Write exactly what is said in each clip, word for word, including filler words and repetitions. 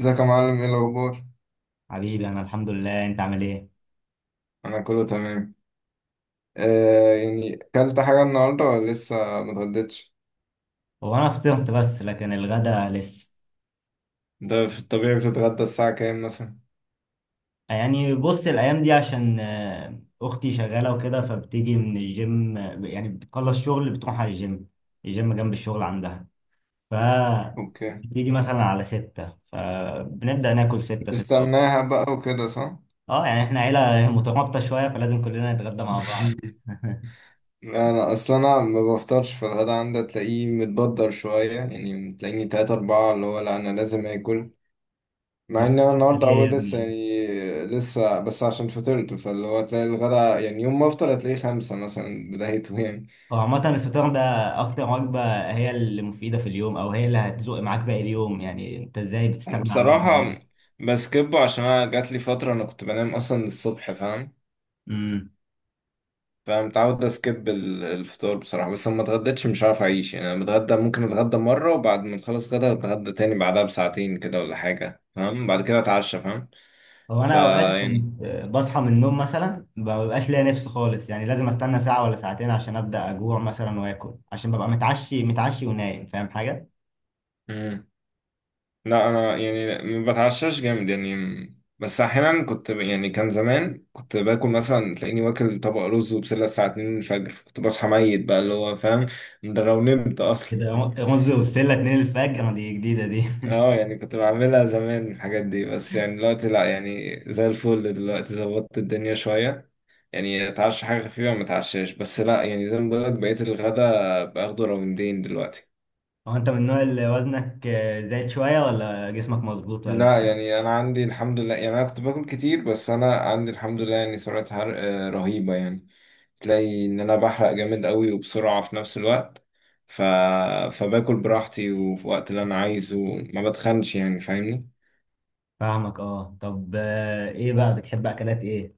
ازيك يا معلم؟ ايه الاخبار؟ حبيبي، انا الحمد لله، انت عامل ايه؟ انا كله تمام. آه يعني اكلت حاجه النهارده ولا لسه؟ ما اتغديتش. هو انا فطرت، بس لكن الغدا لسه. ده في الطبيعي بتتغدى الساعه كام مثلا؟ يعني بص، الايام دي عشان آه، اختي شغاله وكده، فبتيجي من الجيم، آه، يعني بتخلص شغل بتروح على الجيم. الجيم جنب الشغل عندها. ف اوكي. بتيجي مثلا على ستة، فبنبدأ ناكل ستة، ستة وربع. تستناها بقى وكده صح؟ اه، يعني احنا عيلة مترابطة شوية، فلازم كلنا نتغدى مع بعض. لا، انا اصلا انا ما بفطرش في الغدا، عندي تلاقيه متبدر شويه، يعني تلاقيني تلاتة اربعة اللي هو لا انا لازم اكل. ما مع ان انا تفكرش النهارده هو ليه يا لسه ابني؟ يعني لسه، بس عشان فطرت، فاللي هو تلاقي الغدا يعني يوم ما افطر هتلاقيه خمسة مثلا بدايته يعني هو عامة الفطار ده أكتر وجبة، هي اللي مفيدة في اليوم، أو هي اللي هتزق معاك باقي اليوم. يعني أنت إزاي بتستغنى عن بصراحة الوجبة دي؟ بسكبه عشان أنا جاتلي فترة أنا كنت بنام أصلا الصبح، فاهم؟ أمم. فمتعود أسكب ال- الفطار بصراحة، بس لما اتغديتش مش هعرف أعيش يعني أنا بتغدى، ممكن أتغدى مرة وبعد ما أخلص غدا أتغدى تاني بعدها بساعتين كده ولا حاجة، فاهم؟ بعد كده أتعشى، فاهم؟ هو فا أنا أوقات يعني كنت بصحى من النوم مثلا ما ببقاش ليا نفس خالص، يعني لازم أستنى ساعة ولا ساعتين عشان أبدأ أجوع مثلا وآكل، عشان ببقى متعشي متعشي ونايم. فاهم حاجة؟ مم. لا أنا يعني ما بتعشاش جامد يعني م- بس أحيانا كنت ب- يعني كان زمان كنت باكل مثلا، تلاقيني واكل طبق رز وبسلة الساعة اتنين الفجر، فكنت بصحى ميت بقى اللي هو فاهم. ده لو نمت أصلا. كده رز وبسلة اتنين الفجر دي جديدة دي. اه يعني كنت بعملها زمان الحاجات دي، بس يعني دلوقتي لا، يعني زي الفل دلوقتي، ظبطت الدنيا شوية. يعني اتعشى حاجة خفيفة، ما اتعشاش، بس لا، يعني زي ما بقولك بقيت الغدا باخده راوندين دلوقتي. هو أنت من النوع اللي وزنك زايد شوية ولا جسمك مظبوط ولا لا إيه؟ يعني انا عندي الحمد لله، يعني انا كنت باكل كتير، بس انا عندي الحمد لله يعني سرعة حرق آه، رهيبة يعني تلاقي ان انا بحرق جامد قوي وبسرعة في نفس الوقت. ف... فباكل براحتي وفي وقت اللي انا عايزه، ما بتخنش يعني فاهمني؟ فاهمك. أه، طب آه، إيه بقى بتحب أكلات إيه؟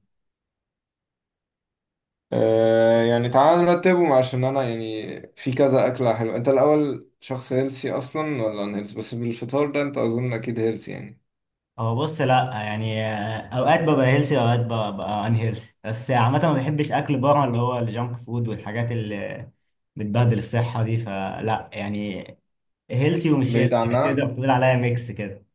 آه يعني تعال نرتبهم، عشان انا يعني في كذا اكله حلوه. انت الاول شخص هيلسي اصلا ولا ان هيلسي؟ بس بالفطار ده انت اظن اكيد هيلسي يعني هو بص، لا يعني، آه، اوقات ببقى هيلسي اوقات ببقى ان هيلسي، بس عامه ما بحبش اكل بره، اللي هو الجانك فود والحاجات اللي بتبهدل الصحه دي، فلا يعني. هيلسي ومش بعيد هيلسي، يعني عنها. تقدر تقول عليا ميكس كده.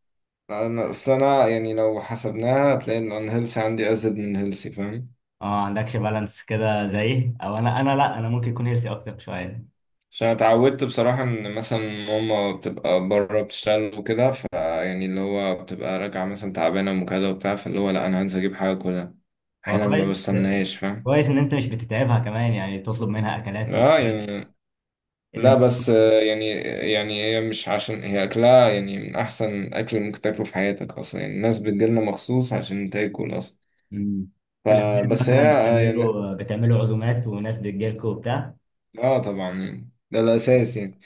انا اصل انا يعني لو حسبناها هتلاقي ان ان هيلسي عندي ازيد من هيلسي، فاهم؟ اه، عندكش بالانس كده زيي، او انا انا، لا، انا ممكن يكون هيلسي اكتر شويه. عشان أنا اتعودت بصراحه ان مثلا ماما بتبقى بره بتشتغل وكده، فيعني اللي هو بتبقى راجعه مثلا تعبانه وكده وبتاع، فاللي هو لا انا هنزل اجيب حاجه كلها، هو احيانا ما كويس بستناهاش، فاهم؟ كويس ان انت مش بتتعبها كمان، يعني تطلب منها اكلات و- اه يعني لا اللي بس آه، يعني يعني هي مش عشان هي أكلها يعني من أحسن أكل ممكن تاكله في حياتك أصلا، يعني الناس بتجيلنا مخصوص عشان تاكل أصلا. م- في الاعياد فبس هي مثلا، آه، يعني بتعملوا بتعملوا عزومات وناس بتجيلكوا وبتاع. آه طبعا، يعني ده الأساس يعني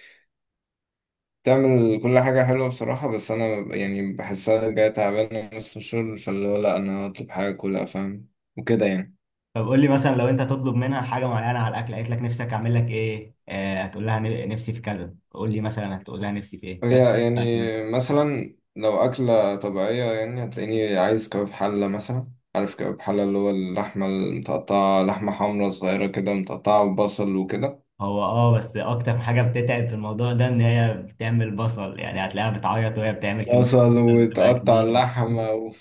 تعمل كل حاجة حلوة بصراحة. بس أنا ب- يعني بحسها جاية تعبانة من نص الشهر، فاللي هو لأ أنا هطلب حاجة كلها، فاهم؟ وكده يعني طب قول لي مثلا، لو انت هتطلب منها حاجه معينه على الاكل، قالت لك نفسك اعمل لك ايه، آه هتقول لها ن- نفسي في كذا. قول لي مثلا، هتقول لها نفسي في ايه لو هي دلوقتي مثلا. يعني مثلا لو أكلة طبيعية يعني هتلاقيني عايز كباب حلة مثلا. عارف كباب حلة اللي هو اللحمة المتقطعة، لحمة حمرا صغيرة كده متقطعة ببصل وكده، هو اه، بس اكتر حاجه بتتعب في الموضوع ده، ان هي بتعمل بصل. يعني هتلاقيها بتعيط وهي بتعمل كميه بصل بصل بتبقى وتقطع كبيره. اللحمة و...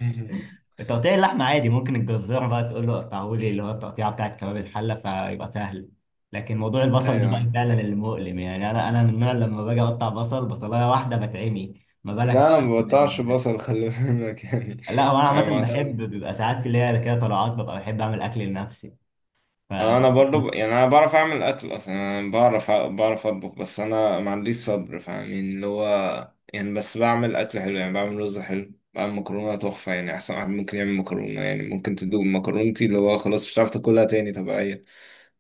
تقطيع اللحمه عادي، ممكن الجزار بقى تقول له قطعه لي اللي هو التقطيعه بتاعت كباب الحله، فيبقى سهل. لكن موضوع البصل ده بقى أيوة. فعلا اللي مؤلم، يعني انا انا من النوع لما باجي اقطع بصل، بصلايه واحده بتعمي. ما بالك لا أنا مبقطعش بقى! بصل، خلي بالك يعني لا، هو انا أنا عامه بحب، بيبقى ساعات اللي هي كده طلعات، ببقى بحب اعمل اكل لنفسي. ف انا برضو ب... يعني. انا بعرف اعمل اكل اصلا يعني انا بعرف بعرف اطبخ بس انا ما عنديش صبر فاهمين اللي هو يعني بس بعمل اكل حلو، يعني بعمل رز حلو، بعمل مكرونه تحفه، يعني احسن واحد ممكن يعمل مكرونه. يعني ممكن تدوق مكرونتي اللي هو خلاص مش هتعرف تاكلها تاني طبيعيه.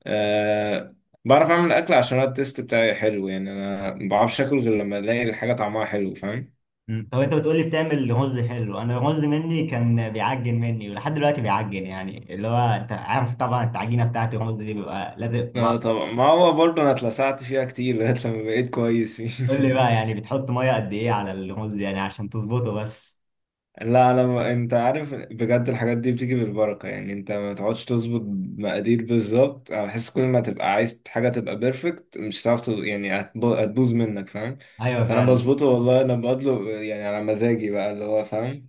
أه... بعرف اعمل اكل عشان أنا التيست بتاعي حلو، يعني انا ما بعرفش اكل غير لما الاقي الحاجه طعمها حلو، فاهم؟ مم. طب انت بتقولي بتعمل رز حلو، انا الرز مني كان بيعجن مني ولحد دلوقتي بيعجن. يعني اللي هو انت عارف طبعا، التعجينه بتاعت الرز دي بيبقى لازق في اه بعض. طبعا، ما هو برضه انا اتلسعت فيها كتير لغايه لما بقيت كويس قول لي فيه بقى، يعني بتحط ميه قد ايه على الرز، يعني عشان تظبطه بس؟ لا لما انت عارف بجد، الحاجات دي بتيجي بالبركة، يعني انت ما تقعدش تظبط مقادير بالظبط. انا بحس كل ما تبقى عايز حاجة تبقى بيرفكت مش هتعرف تظ- يعني هتب- هتبوظ منك، فاهم؟ ايوه فانا فعلا. بظبطه والله، انا بقدله يعني على مزاجي بقى اللي هو فاهم.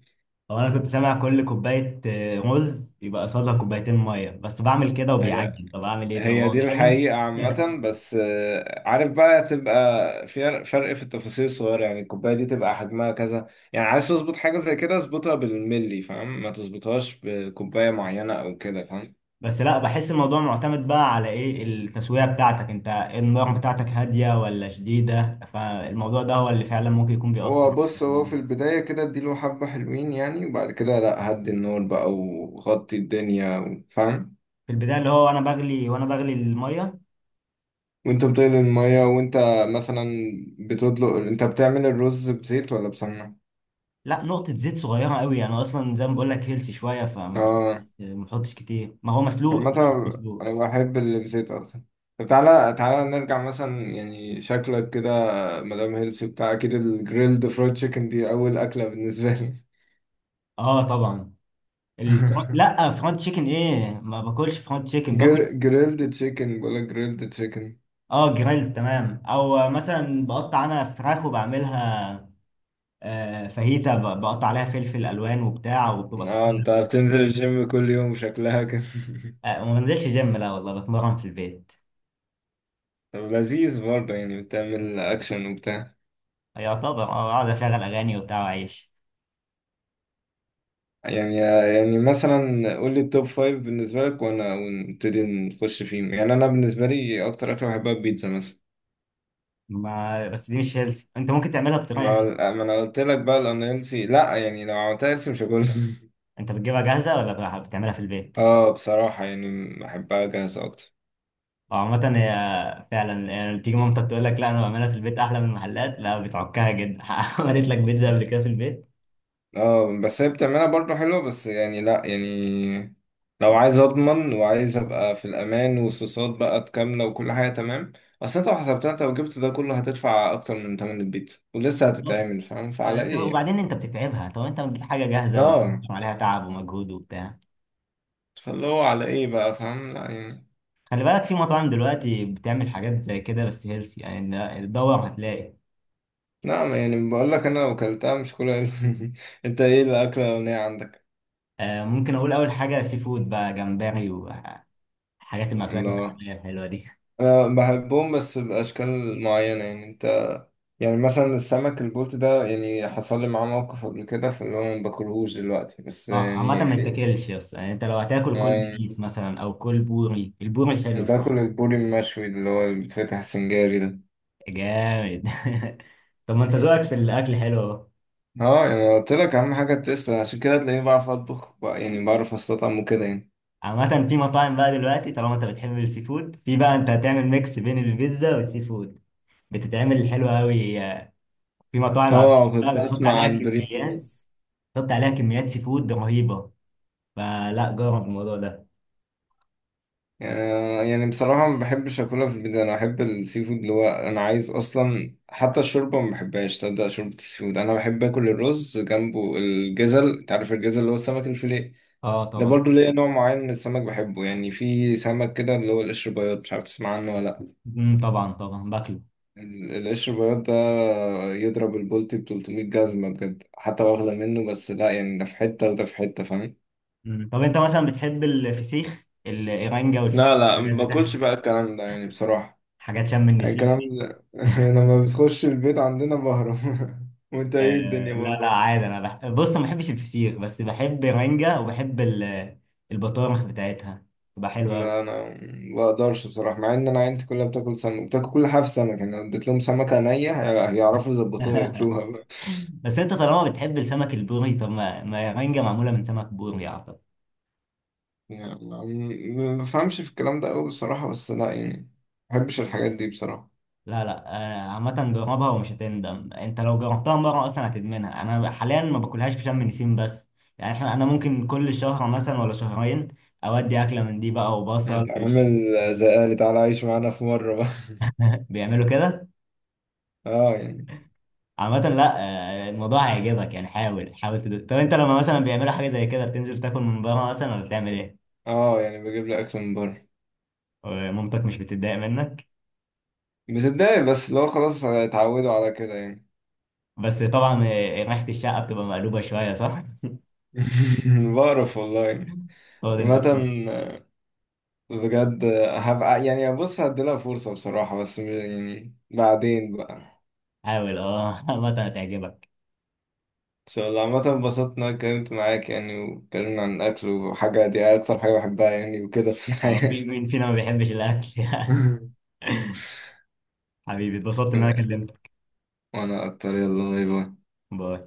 هو انا كنت سامع كل كوبايه آه، رز يبقى قصادها كوبايتين ميه، بس بعمل كده هي وبيعجن. طب اعمل ايه؟ طب هي هو دي غالبا. الحقيقة عامة، بس آه، عارف بقى تبقى في فرق فرق في التفاصيل الصغيرة، يعني الكوباية دي تبقى حجمها كذا. يعني عايز تظبط حاجة زي كده اظبطها بالملي، فاهم؟ ما تظبطهاش بكوباية معينة او كده، فاهم؟ بس لا، بحس الموضوع معتمد بقى على ايه؟ التسوية بتاعتك انت إيه؟ النار بتاعتك هادية ولا شديدة؟ فالموضوع ده هو اللي فعلا ممكن يكون بيأثر هو على بص، هو الموضوع. في البداية كده اديله حبة حلوين يعني وبعد كده لا هدي النار بقى وغطي الدنيا و- فاهم. في البداية اللي هو وانا بغلي وانا بغلي المية. وانت بتقلي المية، وانت مثلا بتطلق، انت بتعمل الرز بزيت ولا بسمنة؟ لا، نقطة زيت صغيرة قوي، انا اصلا زي ما بقول لك هيلسي شوية، فما بحطش اه ما بحطش كتير، ما هو مسلوق عامة أنا بحبه مسلوق. انا بحب اللي بزيت اكتر. طب تعالى تعالى نرجع مثلا، يعني شكلك كده مدام هيلسي بتاع اكيد الجريلد فرايد تشيكن دي اول اكلة بالنسبة لي. اه طبعا. الفرن... لا، فرونت تشيكن ايه؟ ما باكلش فرونت تشيكن، باكل. جر... جريلد تشيكن، بقولك جريلد تشيكن. اه جريل تمام، او مثلا بقطع انا فراخ وبعملها آه، فاهيتا، ب- بقطع عليها فلفل الوان وبتاع، وبتبقى اه، صحيه. انت بتنزل الجيم كل يوم شكلها كده؟ آه، وما بنزلش جيم، لا والله، بتمرن في البيت. طب لذيذ برضه، يعني بتعمل اكشن وبتاع. يعتبر، اه، اقعد اشغل اغاني وبتاع واعيش. يعني يعني مثلا قول لي التوب فايف بالنسبة لك وانا ونبتدي نخش فيهم يعني انا بالنسبة لي اكتر اكلة بحبها البيتزا مثلا. ما بس دي مش هيلث، انت ممكن تعملها ما بطريقه حلوة. هو- ما انا قلت لك بقى الأنا هيلثي لا يعني لو عملتها هيلثي مش هاكلها انت بتجيبها جاهزه ولا بت- بتعملها في البيت؟ اه بصراحة يعني بحبها جاهزة اكتر. أو عامة هي، فعلا يعني، تيجي مامتك تقول لك لا انا بعملها في البيت احلى من المحلات، لا بتعكها جدا. عملت لك بيتزا قبل كده في البيت؟ اه بس هي بتعملها برضه حلوة، بس يعني لا يعني لو عايز اضمن وعايز ابقى في الامان والصوصات بقى كاملة وكل حاجة تمام، اصل انت لو حسبتها، انت لو جبت ده كله هتدفع اكتر من تمن البيتزا ولسه هتتعمل، فاهم؟ فعلى وانت ايه يعني وبعدين انت بتتعبها. طب انت بتجيب حاجه جاهزه اه، وعليها تعب ومجهود وبتاع. فاللي هو على ايه بقى، فاهم؟ لا يعني خلي بالك، في مطاعم دلوقتي بتعمل حاجات زي كده بس هيلثي، يعني تدور هتلاقي. لا ما يعني بقول لك انا لو اكلتها مش كلها انت ايه الاكلة الاغنية عندك؟ آه ممكن اقول اول حاجه سي فود بقى، جمبري وحاجات المأكولات الله، البحريه الحلوه دي. انا بحبهم بس باشكال معينة يعني يعني مثلا السمك البلطي ده، يعني حصل لي معاه موقف قبل كده فاللي هو ما باكلهوش دلوقتي، بس اه، عامه يعني ما في يتاكلش، بس يعني انت لو هتاكل آه كل يعني بيس مثلا او كل بوري، البوري حلو باكل شويه. البوري المشوي اللي هو اللي بيتفتح سنجاري ده. جامد. طب ما انت ذوقك في الاكل حلو اهو. اه يعني أنا قلت لك اهم حاجه التست، عشان كده تلاقيني بعرف اطبخ بقى- يعني بعرف استطعم وكده يعني. عامه في مطاعم بقى دلوقتي، طالما انت بتحب السي فود، في بقى انت هتعمل ميكس بين البيتزا والسي فود، بتتعمل حلوه قوي. في مطاعم اه كنت عامله بتحط اسمع عليها عن كميات، بريموز. حط عليها كميات سي فود رهيبه، فلا جرب الموضوع ده. آه، يعني بصراحة ما بحبش أكلها في البيت. أنا أحب السي فود اللي هو أنا عايز أصلا، حتى الشوربة ما بحبهاش، تصدق؟ شوربة السي فود، أنا بحب آكل الرز جنبه الجزل. أنت عارف الجزل اللي هو السمك الفيليه؟ اه ده طبعا. برضو ليا نوع معين من السمك بحبه، يعني في سمك كده اللي هو القشر بياض، مش عارف تسمع عنه ولا لأ؟ امم طبعا طبعا باكله. ال- القشر بياض ده يضرب البولتي ب تلتمية جزمة بجد، حتى واخدة منه بس لأ، يعني ده في حتة وده في حتة، فاهم؟ مم. طب انت مثلا بتحب الفسيخ الايرانجا والفسيخ لا لا، الحاجات ما بتاعت باكلش بقى الكلام ده يعني بصراحة. حاجات شم يعني النسيم. الكلام ده لما بتخش البيت عندنا بهرب وانت ايه الدنيا آه لا، برضه؟ لا، عادي. انا بح... بص، ما بحبش الفسيخ بس بحب ايرانجا وبحب ال- البطارخ بتاعتها تبقى حلوه أوي. لا انا ما بقدرش بصراحه، مع ان انا عيلتي كلها بتاكل سمك، بتاكل كل حاجه في سمك، يعني لو اديت لهم سمكه نيه هي- هيعرفوا يظبطوها ياكلوها بقى بس انت طالما بتحب السمك البوري، طب ما ما ايرانجا معموله من سمك بوري اعتقد. يعني ما ما بفهمش في الكلام ده قوي بصراحه بس لا يعني ما بحبش الحاجات دي بصراحه. لا، لا. آه، عامة جربها ومش هتندم، انت لو جربتها مرة اصلا هتدمنها. انا حاليا ما باكلهاش في شم نسيم بس، يعني احنا انا ممكن كل شهر مثلا ولا شهرين اودي اكلة من دي بقى، وبصل انت وشيبس. عامل زي اهلي، تعالى عيش معانا في مره بقى بيعملوا كده؟ اه يعني عامة لا. آه، الموضوع هيعجبك، يعني حاول حاول تدوس. طب انت لما مثلا بيعملوا حاجة زي كده، بتنزل تاكل من بره مثلا ولا بتعمل ايه؟ اه يعني بجيب لي اكل من بره. ومامتك مش بتتضايق منك؟ بتتضايق، بس لو خلاص اتعودوا على كده يعني بس طبعا، آه، ريحة الشقة بتبقى مقلوبة شوية، صح؟ بعرف والله. خد، انت عامة خد. بجد هبقى يعني بص هديلها فرصة بصراحة، بس م- يعني بعدين بقى حاول اه. عامة هتعجبك. ان شاء الله عامة انبسطت ان انا اتكلمت معاك يعني واتكلمنا عن الاكل، وحاجة دي اكتر حاجة بحبها يعني وكده في آه، الحياة. مين مين فينا ما بيحبش الاكل؟ يعني، حبيبي اتبسطت ان انا كلمتك. وانا اكتر. يلا باي باي. باي.